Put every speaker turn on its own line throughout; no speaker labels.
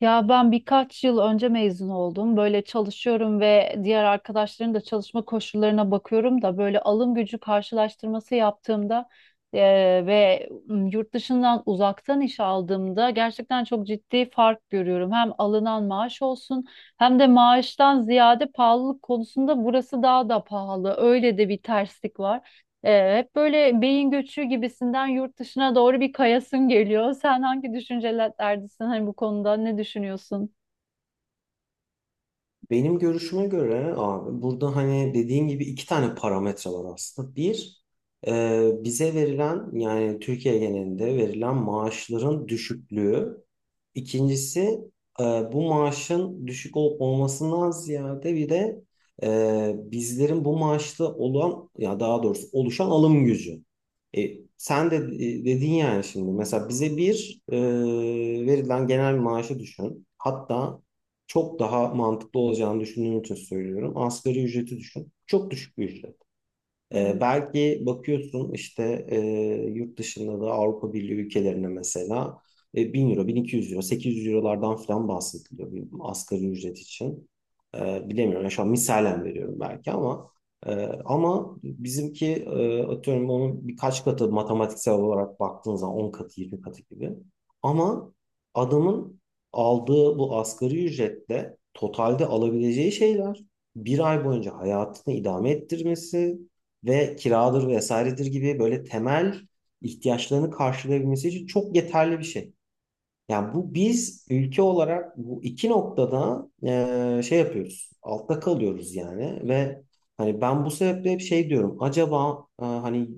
Ya ben birkaç yıl önce mezun oldum. Böyle çalışıyorum ve diğer arkadaşların da çalışma koşullarına bakıyorum da, böyle alım gücü karşılaştırması yaptığımda ve yurt dışından uzaktan iş aldığımda gerçekten çok ciddi fark görüyorum. Hem alınan maaş olsun, hem de maaştan ziyade pahalılık konusunda burası daha da pahalı. Öyle de bir terslik var. Hep böyle beyin göçü gibisinden yurt dışına doğru bir kayasın geliyor. Sen hangi düşüncelerdesin, hani bu konuda ne düşünüyorsun?
Benim görüşüme göre abi burada hani dediğin gibi iki tane parametre var aslında. Bir, bize verilen yani Türkiye genelinde verilen maaşların düşüklüğü. İkincisi, bu maaşın düşük olup olmasından ziyade bir de bizlerin bu maaşta olan ya daha doğrusu oluşan alım gücü. E, Sen de dedin yani. Şimdi mesela bize verilen genel maaşı düşün. Hatta çok daha mantıklı olacağını düşündüğüm için söylüyorum, asgari ücreti düşün. Çok düşük bir ücret. Belki bakıyorsun işte, yurt dışında da Avrupa Birliği ülkelerine mesela 1000 euro, 1200 euro, 800 eurolardan falan bahsediliyor bir asgari ücret için. Bilemiyorum. Yani şu an misalen veriyorum belki ama e, ama bizimki, atıyorum onun birkaç katı, matematiksel olarak baktığın zaman 10 katı, 20 katı gibi. Ama adamın aldığı bu asgari ücretle totalde alabileceği şeyler, bir ay boyunca hayatını idame ettirmesi ve kiradır vesairedir gibi böyle temel ihtiyaçlarını karşılayabilmesi için çok yeterli bir şey. Yani bu biz ülke olarak bu iki noktada şey yapıyoruz, altta kalıyoruz yani. Ve hani ben bu sebeple hep şey diyorum: acaba hani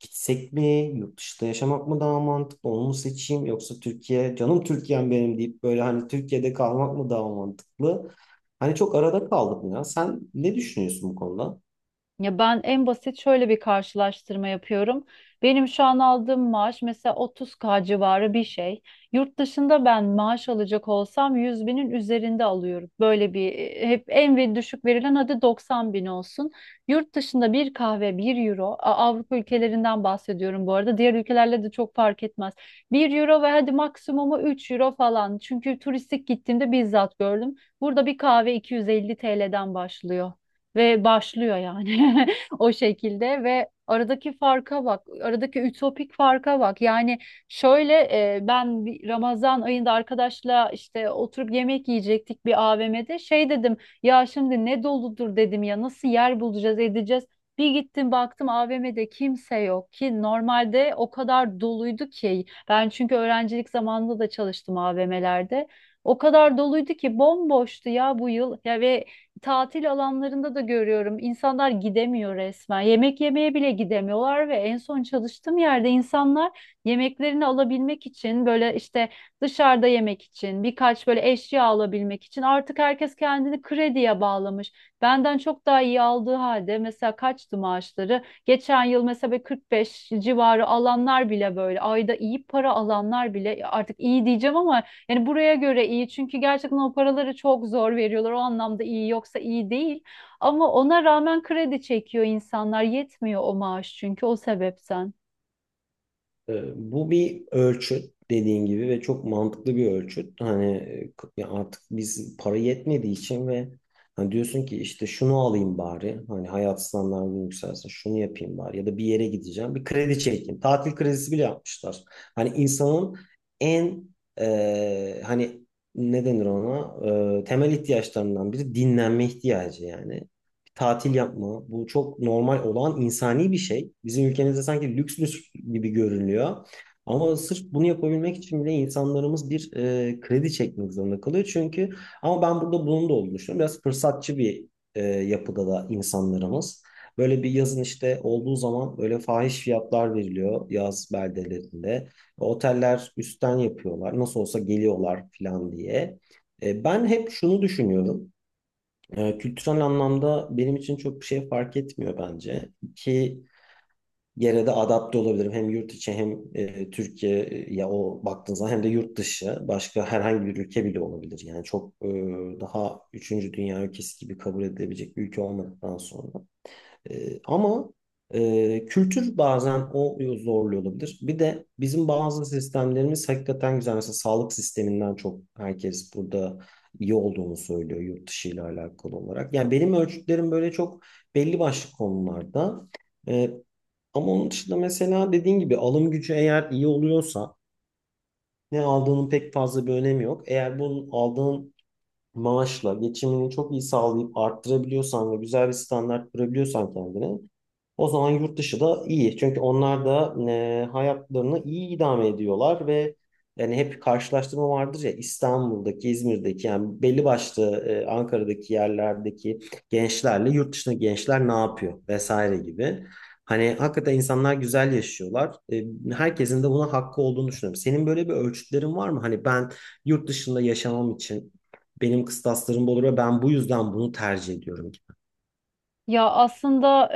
gitsek mi, yurt dışında yaşamak mı daha mantıklı, onu mu seçeyim, yoksa Türkiye, canım Türkiye'm benim deyip böyle hani Türkiye'de kalmak mı daha mantıklı? Hani çok arada kaldım ya. Sen ne düşünüyorsun bu konuda?
Ya ben en basit şöyle bir karşılaştırma yapıyorum. Benim şu an aldığım maaş mesela 30K civarı bir şey. Yurt dışında ben maaş alacak olsam 100 binin üzerinde alıyorum. Böyle bir hep en ve düşük verilen, hadi 90 bin olsun. Yurt dışında bir kahve bir euro. Avrupa ülkelerinden bahsediyorum bu arada. Diğer ülkelerle de çok fark etmez. Bir euro ve hadi maksimumu 3 euro falan. Çünkü turistik gittiğimde bizzat gördüm. Burada bir kahve 250 TL'den başlıyor ve başlıyor yani, o şekilde. Ve aradaki farka bak, aradaki ütopik farka bak. Yani şöyle, ben bir Ramazan ayında arkadaşla işte oturup yemek yiyecektik bir AVM'de. Şey dedim, ya şimdi ne doludur dedim, ya nasıl yer bulacağız edeceğiz. Bir gittim baktım, AVM'de kimse yok ki. Normalde o kadar doluydu ki, ben çünkü öğrencilik zamanında da çalıştım AVM'lerde. O kadar doluydu ki, bomboştu ya bu yıl ya. Ve tatil alanlarında da görüyorum, İnsanlar gidemiyor resmen. Yemek yemeye bile gidemiyorlar ve en son çalıştığım yerde insanlar yemeklerini alabilmek için, böyle işte dışarıda yemek için, birkaç böyle eşya alabilmek için artık herkes kendini krediye bağlamış. Benden çok daha iyi aldığı halde, mesela kaçtı maaşları? Geçen yıl mesela böyle 45 civarı alanlar bile, böyle ayda iyi para alanlar bile, artık iyi diyeceğim ama yani buraya göre iyi, çünkü gerçekten o paraları çok zor veriyorlar. O anlamda iyi, yoksa iyi değil. Ama ona rağmen kredi çekiyor insanlar. Yetmiyor o maaş, çünkü o sebepten.
Bu bir ölçüt dediğin gibi ve çok mantıklı bir ölçüt. Ya artık biz para yetmediği için ve hani diyorsun ki işte şunu alayım bari, hani hayat standartım yükselsin şunu yapayım bari, ya da bir yere gideceğim bir kredi çekeyim. Tatil kredisi bile yapmışlar. Hani insanın en, hani ne denir ona, temel ihtiyaçlarından biri dinlenme ihtiyacı, yani tatil yapma. Bu çok normal olan insani bir şey. Bizim ülkemizde sanki lüks lüks gibi görünüyor. Ama sırf bunu yapabilmek için bile insanlarımız bir kredi çekmek zorunda kalıyor. Çünkü ama ben burada bunun da olduğunu düşünüyorum. Biraz fırsatçı bir yapıda da insanlarımız. Böyle bir yazın işte olduğu zaman böyle fahiş fiyatlar veriliyor yaz beldelerinde. Oteller üstten yapıyorlar. Nasıl olsa geliyorlar falan diye. E, ben hep şunu düşünüyorum. Kültürel anlamda benim için çok bir şey fark etmiyor bence. İki yere de adapte olabilirim. Hem yurt içi hem Türkiye, ya o baktığın zaman hem de yurt dışı, başka herhangi bir ülke bile olabilir. Yani çok daha üçüncü dünya ülkesi gibi kabul edilebilecek bir ülke olmadıktan sonra. Ama kültür bazen o zorluyor olabilir. Bir de bizim bazı sistemlerimiz hakikaten güzel. Mesela sağlık sisteminden çok herkes burada iyi olduğunu söylüyor yurt dışı ile alakalı olarak. Yani benim ölçütlerim böyle çok belli başlı konularda. Ee, Ama onun dışında mesela dediğin gibi alım gücü eğer iyi oluyorsa ne aldığının pek fazla bir önemi yok. Eğer bunun, aldığın maaşla geçimini çok iyi sağlayıp arttırabiliyorsan ve güzel bir standart kurabiliyorsan kendine, o zaman yurt dışı da iyi. Çünkü onlar da hayatlarını iyi idame ediyorlar. Ve yani hep karşılaştırma vardır ya, İstanbul'daki, İzmir'deki yani belli başlı Ankara'daki yerlerdeki gençlerle yurt dışındaki gençler ne yapıyor vesaire gibi. Hani hakikaten insanlar güzel yaşıyorlar. E, herkesin de buna hakkı olduğunu düşünüyorum. Senin böyle bir ölçütlerin var mı? Hani, ben yurt dışında yaşamam için benim kıstaslarımda olur ve ben bu yüzden bunu tercih ediyorum gibi.
Ya aslında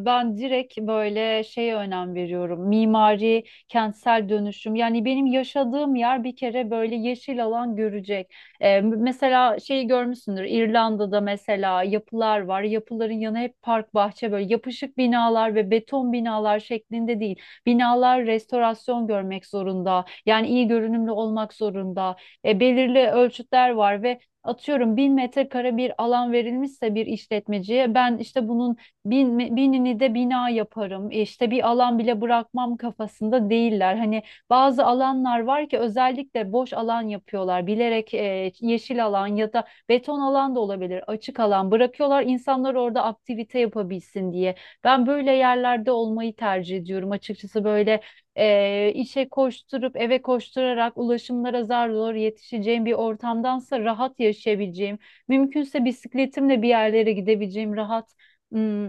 ben direkt böyle şeye önem veriyorum. Mimari, kentsel dönüşüm. Yani benim yaşadığım yer bir kere böyle yeşil alan görecek. Mesela şeyi görmüşsündür. İrlanda'da mesela yapılar var. Yapıların yanı hep park, bahçe, böyle yapışık binalar ve beton binalar şeklinde değil. Binalar restorasyon görmek zorunda. Yani iyi görünümlü olmak zorunda. Belirli ölçütler var ve atıyorum, 1000 metrekare bir alan verilmişse bir işletmeciye, ben işte bunun bin, binini de bina yaparım, işte bir alan bile bırakmam kafasında değiller. Hani bazı alanlar var ki, özellikle boş alan yapıyorlar bilerek, yeşil alan ya da beton alan da olabilir, açık alan bırakıyorlar insanlar orada aktivite yapabilsin diye. Ben böyle yerlerde olmayı tercih ediyorum açıkçası. Böyle işe koşturup eve koşturarak, ulaşımlara zar zor yetişeceğim bir ortamdansa, rahat yaşayabileceğim, mümkünse bisikletimle bir yerlere gidebileceğim rahat. hmm,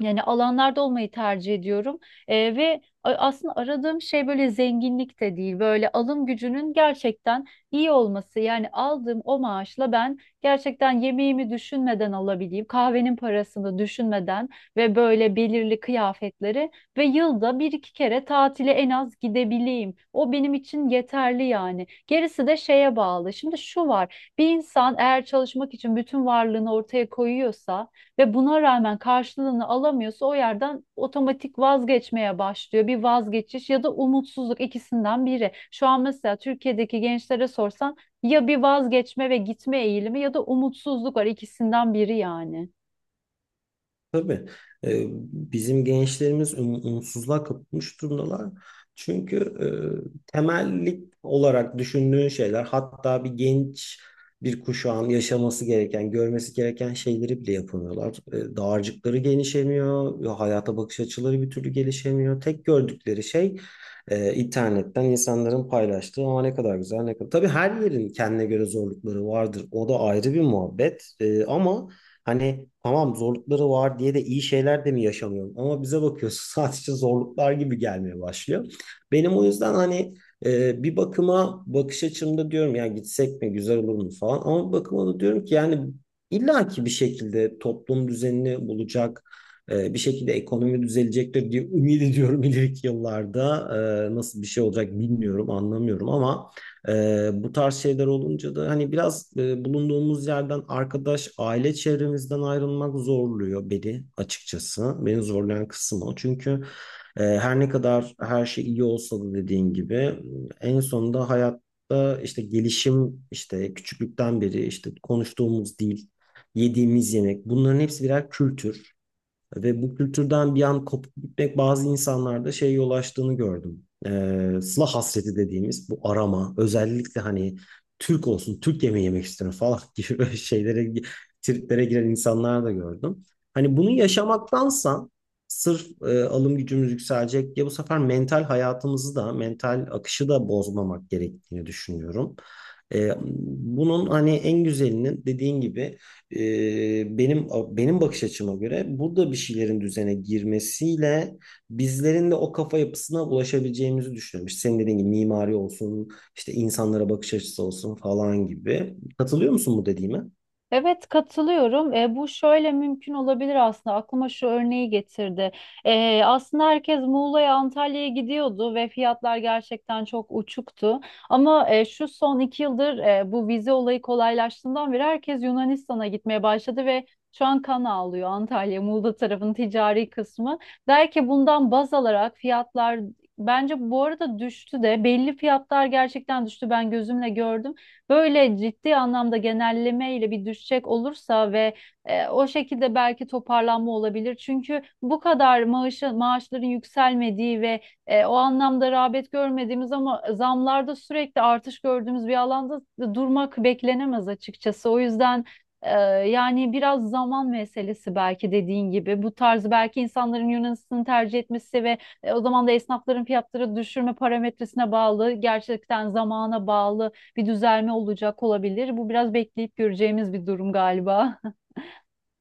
yani alanlarda olmayı tercih ediyorum. Ve aslında aradığım şey böyle zenginlik de değil. Böyle alım gücünün gerçekten iyi olması. Yani aldığım o maaşla ben gerçekten yemeğimi düşünmeden alabileyim, kahvenin parasını düşünmeden ve böyle belirli kıyafetleri, ve yılda bir iki kere tatile en az gidebileyim. O benim için yeterli yani. Gerisi de şeye bağlı. Şimdi şu var: bir insan eğer çalışmak için bütün varlığını ortaya koyuyorsa ve buna rağmen karşılığını alamıyorsa, o yerden otomatik vazgeçmeye başlıyor. Bir vazgeçiş ya da umutsuzluk, ikisinden biri. Şu an mesela Türkiye'deki gençlere sorsan, ya bir vazgeçme ve gitme eğilimi, ya da umutsuzluk var, ikisinden biri yani.
Tabii, e, bizim gençlerimiz umutsuzluğa kapılmış durumdalar. Çünkü temellik olarak düşündüğün şeyler, hatta bir genç bir kuşağın yaşaması gereken, görmesi gereken şeyleri bile yapamıyorlar. E, dağarcıkları genişlemiyor, hayata bakış açıları bir türlü gelişemiyor. Tek gördükleri şey internetten insanların paylaştığı ama ne kadar güzel ne kadar. Tabii her yerin kendine göre zorlukları vardır, o da ayrı bir muhabbet. Ama hani, tamam zorlukları var diye de iyi şeyler de mi yaşamıyorum? Ama bize bakıyorsun sadece zorluklar gibi gelmeye başlıyor. Benim o yüzden hani, bir bakıma bakış açımda diyorum ya gitsek mi, güzel olur mu falan. Ama bir bakıma da diyorum ki yani illaki bir şekilde toplum düzenini bulacak, bir şekilde ekonomi düzelecektir diye ümit ediyorum ileriki yıllarda. E, nasıl bir şey olacak bilmiyorum, anlamıyorum, ama bu tarz şeyler olunca da hani biraz bulunduğumuz yerden, arkadaş, aile çevremizden ayrılmak zorluyor beni açıkçası. Beni zorlayan kısım o. Çünkü her ne kadar her şey iyi olsa da dediğin gibi, en sonunda hayatta işte gelişim, işte küçüklükten beri işte konuştuğumuz dil, yediğimiz yemek, bunların hepsi birer kültür. Ve bu kültürden bir an kopup gitmek bazı insanlarda şeye yol açtığını gördüm. Sıla hasreti dediğimiz bu arama, özellikle hani Türk olsun, Türk yemeği yemek istiyorum falan gibi böyle şeylere, triplere giren insanlar da gördüm. Hani bunu yaşamaktansa sırf alım gücümüz yükselecek diye bu sefer mental hayatımızı da, mental akışı da bozmamak gerektiğini düşünüyorum. Ee, Bunun hani en güzelinin, dediğin gibi, e, benim benim bakış açıma göre burada bir şeylerin düzene girmesiyle bizlerin de o kafa yapısına ulaşabileceğimizi düşünüyorum. İşte senin dediğin gibi mimari olsun, işte insanlara bakış açısı olsun falan gibi. Katılıyor musun bu dediğime?
Evet, katılıyorum. Bu şöyle mümkün olabilir aslında. Aklıma şu örneği getirdi. Aslında herkes Muğla'ya, Antalya'ya gidiyordu ve fiyatlar gerçekten çok uçuktu. Ama şu son 2 yıldır, bu vize olayı kolaylaştığından beri herkes Yunanistan'a gitmeye başladı ve şu an kan ağlıyor Antalya, Muğla tarafının ticari kısmı. Der ki, bundan baz alarak fiyatlar, bence bu arada düştü de, belli fiyatlar gerçekten düştü, ben gözümle gördüm. Böyle ciddi anlamda genelleme ile bir düşecek olursa ve o şekilde belki toparlanma olabilir. Çünkü bu kadar maaşı, maaşların yükselmediği ve o anlamda rağbet görmediğimiz, ama zamlarda sürekli artış gördüğümüz bir alanda durmak beklenemez açıkçası. O yüzden e, yani biraz zaman meselesi belki, dediğin gibi. Bu tarz, belki insanların Yunanistan'ı tercih etmesi ve o zaman da esnafların fiyatları düşürme parametresine bağlı, gerçekten zamana bağlı bir düzelme olacak olabilir. Bu biraz bekleyip göreceğimiz bir durum galiba.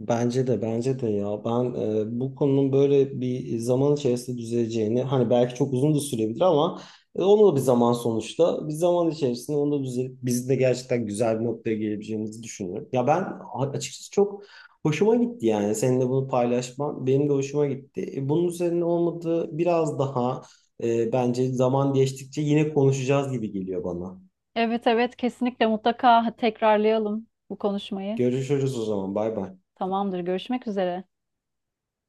Bence de ya ben, bu konunun böyle bir zaman içerisinde düzeleceğini, hani belki çok uzun da sürebilir ama onu da bir zaman, sonuçta bir zaman içerisinde onu da düzelip bizim de gerçekten güzel bir noktaya gelebileceğimizi düşünüyorum. Ya ben açıkçası çok hoşuma gitti, yani seninle bunu paylaşman benim de hoşuma gitti. E, bunun üzerine olmadı biraz daha, bence zaman geçtikçe yine konuşacağız gibi geliyor bana.
Evet, evet, kesinlikle mutlaka tekrarlayalım bu konuşmayı.
Görüşürüz o zaman, bay bay.
Tamamdır, görüşmek üzere.